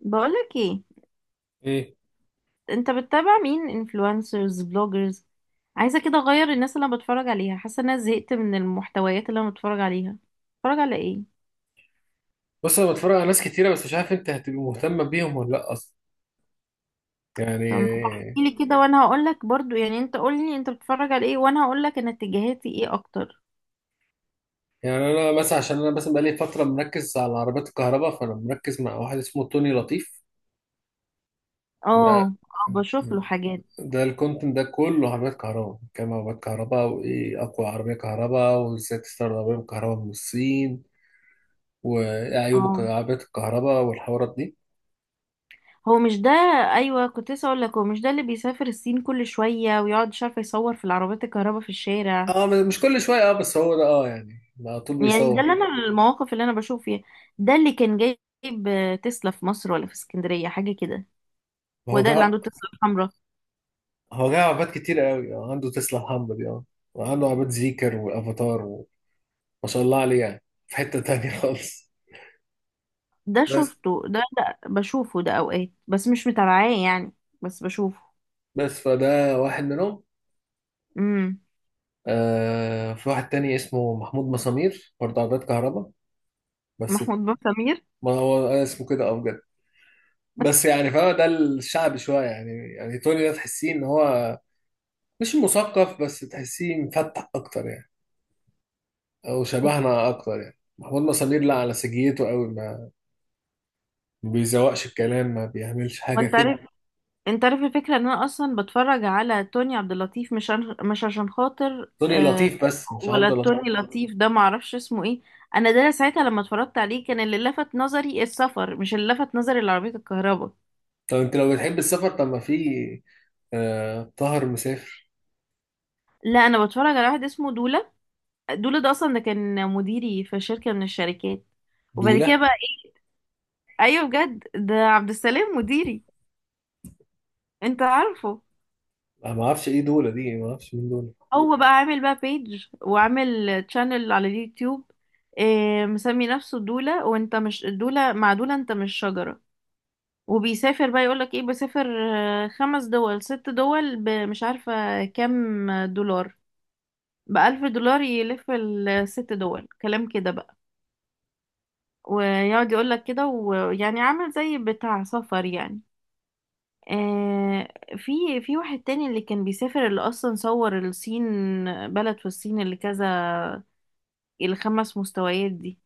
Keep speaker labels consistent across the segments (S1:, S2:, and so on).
S1: بقولك ايه؟
S2: ايه.
S1: انت بتتابع مين؟ انفلونسرز، بلوجرز؟ عايزه كده اغير الناس اللي انا بتفرج عليها، حاسه ان انا زهقت من المحتويات اللي انا بتفرج عليها. بتفرج على ايه؟
S2: بص انا بتفرج على ناس كتيره، بس مش عارف انت هتبقى مهتم بيهم ولا لا اصلا،
S1: طب
S2: يعني.
S1: احكي لي كده وانا هقولك برضو، يعني انت قولي انت بتتفرج على ايه وانا هقولك انا اتجاهاتي ايه اكتر.
S2: يعني انا مثلا، عشان انا مثلا بقالي فتره مركز على عربيات الكهرباء، فانا مركز مع واحد اسمه توني لطيف.
S1: اه.
S2: ده
S1: اه بشوف له حاجات.
S2: ده الكونتنت ده كله عربيات كهرباء، كام عربيات كهرباء، وايه اقوى عربيه كهرباء، وازاي تستورد عربيه كهرباء من الصين، وعيوب
S1: اه.
S2: عربيات الكهرباء والحوارات دي.
S1: هو مش ده؟ ايوه كنت لسه اقول لك، هو مش ده اللي بيسافر الصين كل شويه ويقعد مش عارفه يصور في العربيات الكهرباء في الشارع؟
S2: اه، مش كل شويه، بس هو ده، يعني على طول
S1: يعني ده
S2: بيصور.
S1: اللي انا المواقف اللي انا بشوف فيها. ده اللي كان جايب تسلا في مصر ولا في اسكندرية، حاجة كده.
S2: ما
S1: هو
S2: هو
S1: ده اللي
S2: جا-
S1: عنده تسلا الحمراء.
S2: هو جاي عباد كتير قوي، عنده تسلا محمد، وعنده عباد زيكر وافاتار، وما شاء الله عليه يعني. في حتة تانية خالص.
S1: ده
S2: بس
S1: شفته ده، ده بشوفه ده اوقات بس مش متابعاه يعني. بس بشوفه.
S2: بس فده واحد منهم.
S1: امم
S2: في واحد تاني اسمه محمود مسامير برضه عباد كهرباء بس.
S1: محمود بن سمير.
S2: ما هو اسمه كده بجد. بس يعني فهو ده الشعبي شوية، يعني توني ده تحسيه ان هو مش مثقف، بس تحسيه مفتح اكتر يعني. او شبهنا اكتر، يعني محمود مسامير لا، على سجيته قوي، ما بيزوقش الكلام، ما بيعملش حاجة
S1: وانت
S2: كده.
S1: عارف، انت عارف الفكرة ان انا اصلا بتفرج على توني عبد اللطيف مش عشان خاطر
S2: سوري لطيف بس مش عبد
S1: ولا
S2: اللطيف.
S1: توني لطيف، ده معرفش اسمه ايه. انا ده ساعتها لما اتفرجت عليه كان اللي لفت نظري السفر، مش اللي لفت نظري العربية الكهرباء.
S2: طب انت لو بتحب السفر، طب ما في، طاهر مسافر.
S1: لا انا بتفرج على واحد اسمه دولا. دولا ده اصلا ده كان مديري في شركة من الشركات. وبعد كده
S2: دولة.
S1: بقى إيه، ايوه بجد، ده عبد السلام مديري. انت عارفه؟
S2: انا ما اعرفش ايه دولة دي، ما اعرفش مين دولة.
S1: هو بقى عامل بقى بيج وعامل تشانل على اليوتيوب. إيه، مسمي نفسه دولا، وانت مش دولا، مع دولا، انت مش شجرة. وبيسافر بقى، يقولك ايه، بسافر خمس دول، ست دول، بمش عارفة كام دولار، بألف دولار يلف الست دول، كلام كده بقى. ويقعد يقول لك كده، ويعني عامل زي بتاع سفر يعني. آه. في في واحد تاني اللي كان بيسافر، اللي اصلا صور الصين، بلد في الصين اللي كذا، الخمس مستويات دي،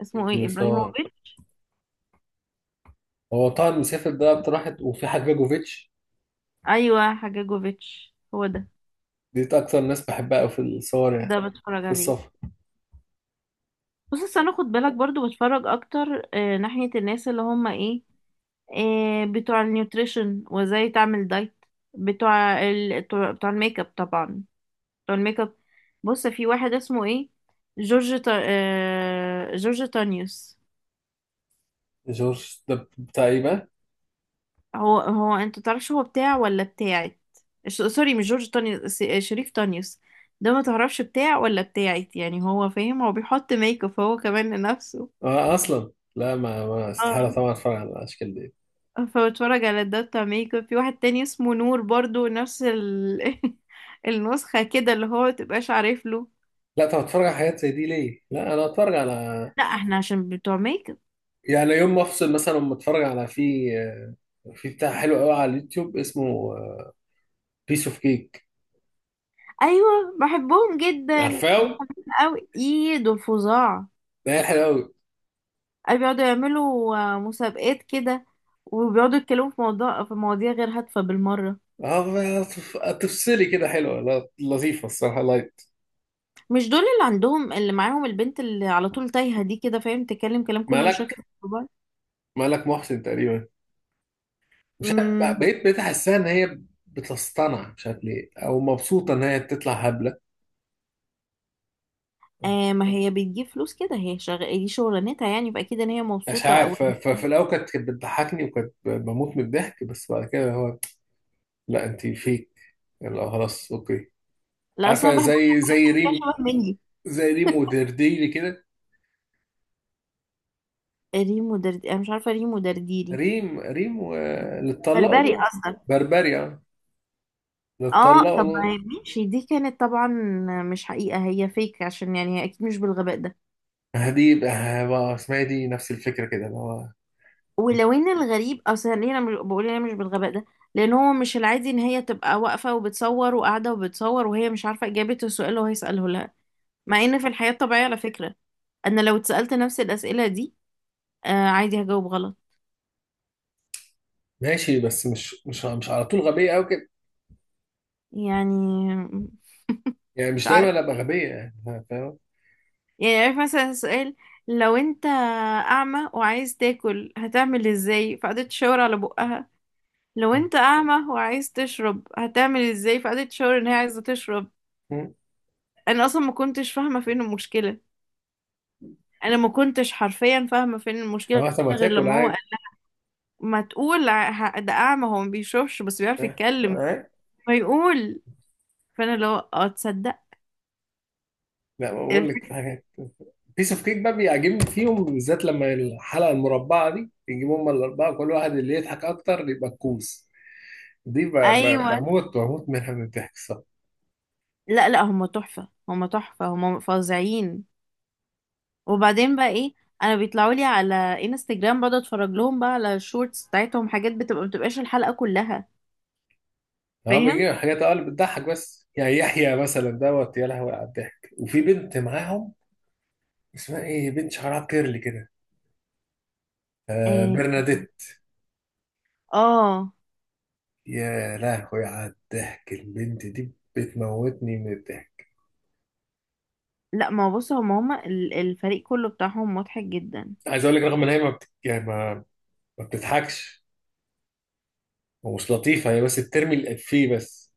S1: اسمه ايه،
S2: اللي صور.
S1: ابراهيموفيتش.
S2: هو طاهر مسافر ده اكتر واحد، وفي حجاجوفيتش.
S1: ايوه حجاجوفيتش، هو ده.
S2: دي اكتر ناس بحبها أوي في الصور يعني،
S1: ده بتفرج
S2: في
S1: عليه.
S2: السفر.
S1: بص أصل انا خد بالك برضو بتفرج اكتر ناحية الناس اللي هم ايه، آه بتوع النيوتريشن وازاي تعمل دايت. بتوع الميك اب طبعا. الميك اب. بص في واحد اسمه ايه، جورج تانيوس.
S2: جورج ده بتاع ايه بقى؟
S1: هو هو انت تعرفش هو بتاع ولا بتاعت؟ سوري مش جورج تانيوس، شريف تانيوس. ده ما تعرفش بتاع ولا بتاعت يعني، هو فاهم، هو بيحط ميك اب هو كمان لنفسه.
S2: اصلا لا، ما استحالة
S1: اه.
S2: طبعا اتفرج على الاشكال دي.
S1: فبتفرج على ده بتاع ميك اب. في واحد تاني اسمه نور برضو النسخة كده اللي هو متبقاش عارف له.
S2: لا، طب اتفرج على حاجات زي دي ليه؟ لا، انا اتفرج على،
S1: لا احنا عشان بتوع ميك اب.
S2: يعني، يوم ما افصل مثلا اما اتفرج على، في بتاع حلو قوي على اليوتيوب اسمه بيس اوف كيك.
S1: ايوه بحبهم جدا.
S2: عارفاه؟
S1: أو إيه، دول فظاع.
S2: لا، حلو
S1: أي بيقعدوا يعملوا مسابقات كده، وبيقعدوا يتكلموا في موضوع في مواضيع غير هادفة بالمرة.
S2: قوي. اه تفصلي كده حلوه، لا لطيفه الصراحه، لايت.
S1: مش دول اللي عندهم، اللي معاهم البنت اللي على طول تايهة دي، كده فاهم؟ تتكلم كلام كله مش
S2: مالك
S1: راكب في بعض.
S2: مالك محسن تقريبا. مش عارف، بق-
S1: امم
S2: بقيت بقيت احسها ان هي بتصطنع، مش عارف ليه، او مبسوطه ان هي تطلع هبله.
S1: ما هي بتجيب فلوس كده، هي دي شغلانتها يعني، فأكيد إن هي
S2: مش
S1: مبسوطة أو.
S2: عارف، ففي الاول كانت بتضحكني، وكانت بموت من الضحك، بس بعد كده هو. لا انت فيك. لا خلاص، اوكي.
S1: لا أصلا
S2: عارفه
S1: بحب
S2: زي
S1: حاجات
S2: زي
S1: كده
S2: ريم،
S1: شبه مني.
S2: زي ريم ودرديلي كده.
S1: ريمو درد، أنا مش عارفة ريمو درديري.
S2: ريم. اللي اتطلقوا
S1: بربري
S2: دول.
S1: أصلا.
S2: بربريا. اللي
S1: اه
S2: اتطلقوا
S1: طب ما
S2: دول.
S1: هي ماشي، دي كانت طبعا مش حقيقة، هي فيك عشان يعني هي أكيد مش بالغباء ده.
S2: دي بقى اسمها إيه دي، نفس الفكره كده اللي هو.
S1: ولو ان الغريب اصلا ليه، انا بقول انا مش بالغباء ده، لان هو مش العادي ان هي تبقى واقفه وبتصور وقاعده وبتصور وهي مش عارفه اجابه السؤال اللي هو هيساله لها. مع ان في الحياه الطبيعيه على فكره، انا لو اتسالت نفس الاسئله دي، آه عادي هجاوب غلط.
S2: ماشي، بس مش على طول غبيه قوي كده
S1: يعني
S2: يعني،
S1: مش
S2: مش
S1: عارف.
S2: دايما ابقى غبيه، يعني فاهم.
S1: يعني عارف مثلا سؤال، لو انت اعمى وعايز تاكل هتعمل ازاي، فقعدت تشاور على بقها. لو انت اعمى وعايز تشرب هتعمل ازاي، فقعدت تشاور ان هي عايزه تشرب.
S2: مم.
S1: انا اصلا ما كنتش فاهمه فين المشكله. انا ما كنتش حرفيا فاهمه فين المشكله،
S2: هو طب ما
S1: غير
S2: تاكل
S1: لما هو
S2: عادي.
S1: قال ما تقول ده اعمى، هو ما بيشوفش بس بيعرف
S2: آه،
S1: يتكلم،
S2: آه.
S1: فيقول. فانا لو تصدق.
S2: لا، بقول لك في حاجات. بيس اوف كيك بقى بيعجبني فيهم، بالذات لما الحلقه المربعه دي يجيبوا هم الاربعه كل واحد اللي يضحك اكتر يبقى الكوس، دي ب- ب-
S1: ايوه.
S2: بموت بموت منها من الضحك الصراحه.
S1: لا لا، هم تحفه، هم تحفه، هم فظيعين. وبعدين بقى ايه، انا بيطلعوا لي على انستجرام، بقعد اتفرج لهم بقى على الشورتس بتاعتهم، حاجات بتبقى ما بتبقاش الحلقه كلها.
S2: هو
S1: فاهم.
S2: بيجيب حاجات اقل بتضحك، بس يعني يحيى مثلا دوت، يا لهوي على الضحك. وفي بنت معاهم اسمها ايه، بنت شعرها كيرلي كده.
S1: اه.
S2: برناديت.
S1: آه.
S2: يا لهوي على الضحك، البنت دي بتموتني من الضحك.
S1: لا ما هو بص، هم الفريق كله بتاعهم مضحك جدا.
S2: عايز اقول لك رغم ان هي ما بت... يعني ما بتضحكش ومش لطيفه هي، بس بترمي الافيه بس.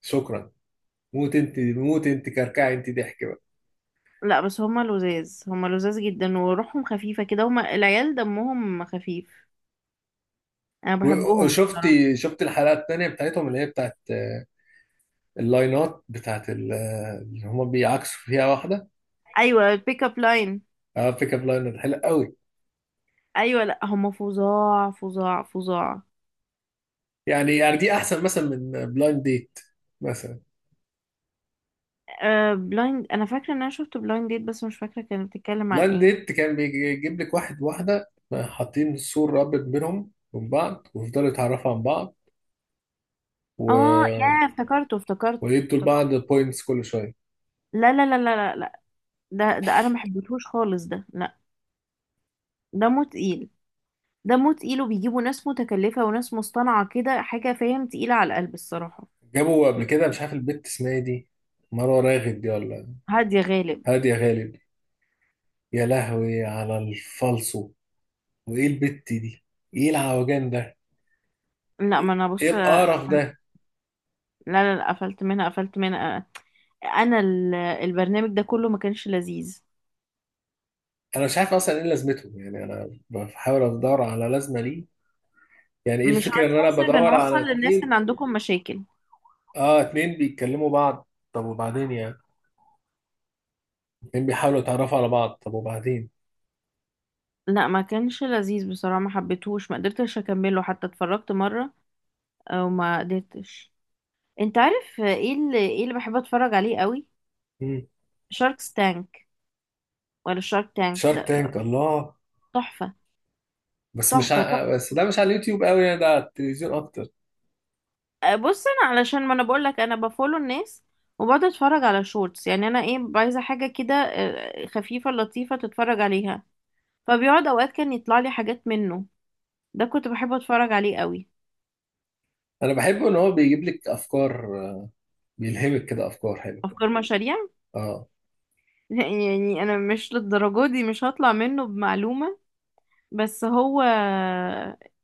S2: شكرا. موت انت، موت انت، كركعي انت، ضحك بقى.
S1: لا بس هما لذاذ، هما لذاذ جدا، وروحهم خفيفة كده، هما العيال دمهم خفيف. انا
S2: و-
S1: بحبهم بصراحة.
S2: وشفتي شفت الحلقه الثانيه بتاعتهم، اللي هي بتاعت اللاينات، بتاعت اللي هم بيعكسوا فيها واحده.
S1: ايوه البيك اب لاين.
S2: اه، بيك اب لاينات حلو قوي.
S1: ايوه لا هما فظاع فظاع فظاع.
S2: يعني دي احسن مثلا من بلايند ديت مثلا.
S1: أه بلايند، انا فاكرة ان انا شفت بلايند ديت بس مش فاكرة كانت بتتكلم عن
S2: بلايند
S1: ايه.
S2: ديت كان بيجيب لك واحد واحدة حاطين سور رابط بينهم من بعض، ويفضلوا يتعرفوا عن بعض و...
S1: اه يا، افتكرته افتكرته
S2: ويدوا لبعض
S1: افتكرته.
S2: بوينتس كل شوية.
S1: لا لا لا لا لا لا، ده ده انا ما حبيتهوش خالص ده، لا. دمه تقيل. دمه تقيل، وبيجيبوا ناس متكلفة وناس مصطنعة كده، حاجة فاهم تقيلة على القلب الصراحة.
S2: جابوا قبل كده مش عارف البت اسمها ايه دي، مروة راغب دي ولا
S1: هادية غالب.
S2: هادية غالب. يا لهوي على الفالصو. وايه البت دي، ايه العوجان ده،
S1: لا ما انا
S2: ايه
S1: بص.
S2: القرف ده؟
S1: لا لا لا، قفلت منها، قفلت منها. انا البرنامج ده كله ما كانش لذيذ.
S2: انا مش عارف اصلا ايه لازمتهم، يعني انا بحاول ادور على لازمة ليه. يعني ايه
S1: مش
S2: الفكرة ان انا
S1: هتحسي،
S2: بدور
S1: بنوصل
S2: على
S1: للناس ان
S2: اتنين؟
S1: عندكم مشاكل.
S2: اه، اتنين بيتكلموا بعض، طب وبعدين يعني؟ اتنين بيحاولوا يتعرفوا على بعض، طب وبعدين؟
S1: لا ما كانش لذيذ بصراحة، ما حبيتهوش، ما قدرتش اكمله، حتى اتفرجت مرة وما قدرتش. انت عارف ايه اللي، ايه اللي بحب اتفرج عليه قوي؟
S2: مم.
S1: شارك تانك. ولا شارك تانك
S2: شارك
S1: ده
S2: تانك،
S1: بقى،
S2: الله.
S1: تحفة تحفة تحفة.
S2: بس ده مش على اليوتيوب قوي يعني، ده على التلفزيون اكتر.
S1: بص انا علشان، ما انا بقول لك، انا بفولو الناس وبقعد اتفرج على شورتس. يعني انا ايه، عايزة حاجة كده خفيفة لطيفة تتفرج عليها. فبيقعد اوقات كان يطلع لي حاجات منه، ده كنت بحب اتفرج عليه قوي.
S2: انا بحبه ان هو بيجيب لك افكار، بيلهمك كده افكار حلوه.
S1: افكار مشاريع.
S2: اه.
S1: يعني انا مش للدرجه دي، مش هطلع منه بمعلومة. بس هو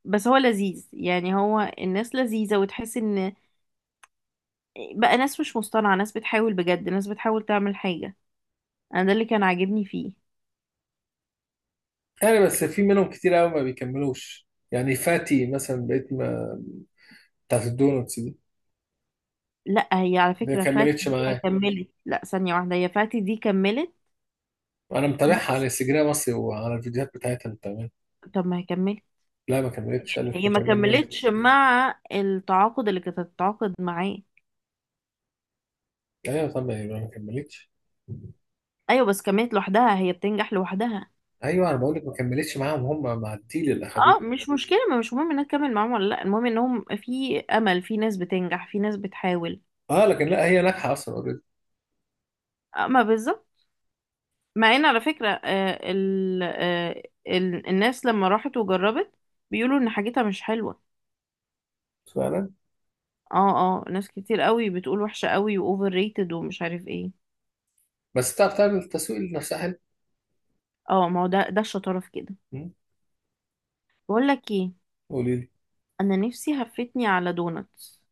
S1: بس هو لذيذ، يعني هو الناس لذيذة، وتحس ان بقى ناس مش مصطنعة، ناس بتحاول بجد، ناس بتحاول تعمل حاجة. انا ده اللي كان عاجبني فيه.
S2: يعني بس في منهم كتير قوي ما بيكملوش، يعني فاتي مثلا بقيت ما، بتاعت الدونتس دي.
S1: لا هي على
S2: ما
S1: فكرة فاتي
S2: كملتش
S1: دي هي
S2: معاه.
S1: كملت، لا ثانية واحدة، هي فاتي دي كملت.
S2: انا متابعها على
S1: بس.
S2: انستجرام اصلي، وعلى الفيديوهات بتاعتها متابعها.
S1: طب ما هي كملت.
S2: لا، ما كملتش. قالت
S1: هي
S2: ما
S1: ما
S2: كملتش.
S1: كملتش مع التعاقد اللي كانت هتتعاقد معاه.
S2: ايوه، طب ما كملتش.
S1: ايوه بس كملت لوحدها، هي بتنجح لوحدها.
S2: ايوه، انا بقول لك ما كملتش معاهم هم، مع الديل اللي
S1: اه
S2: اخدته.
S1: مش مشكله، ما مش مهم انها تكمل معاهم ولا لا، المهم انهم في امل، في ناس بتنجح، في ناس بتحاول.
S2: اه لكن لا، هي ناجحه اصلا اوريدي.
S1: آه، ما بالظبط. مع ان على فكره آه ال آه ال الناس لما راحت وجربت بيقولوا ان حاجتها مش حلوه.
S2: فعلا.
S1: اه. اه ناس كتير قوي بتقول وحشه قوي واوفر ريتد ومش عارف ايه.
S2: بس تعرف تعمل تسويق لنفسها حلو.
S1: اه ما هو ده الشطاره في كده.
S2: مم.
S1: بقول لك ايه،
S2: قولي لي.
S1: انا نفسي هفتني على دونتس.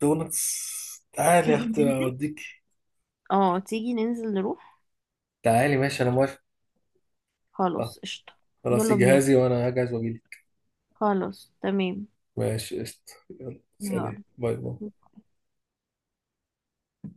S2: دونتس. تعالي يا
S1: تيجي
S2: اختي
S1: ننزل؟
S2: اوديك.
S1: اه تيجي ننزل نروح.
S2: تعالي ماشي، انا موافق. اه.
S1: خلاص قشطه.
S2: خلاص
S1: يلا بينا.
S2: جهازي، وانا هجهز واجيلك.
S1: خلاص تمام.
S2: ماشي قشطة. يلا سلام،
S1: يلا.
S2: باي باي.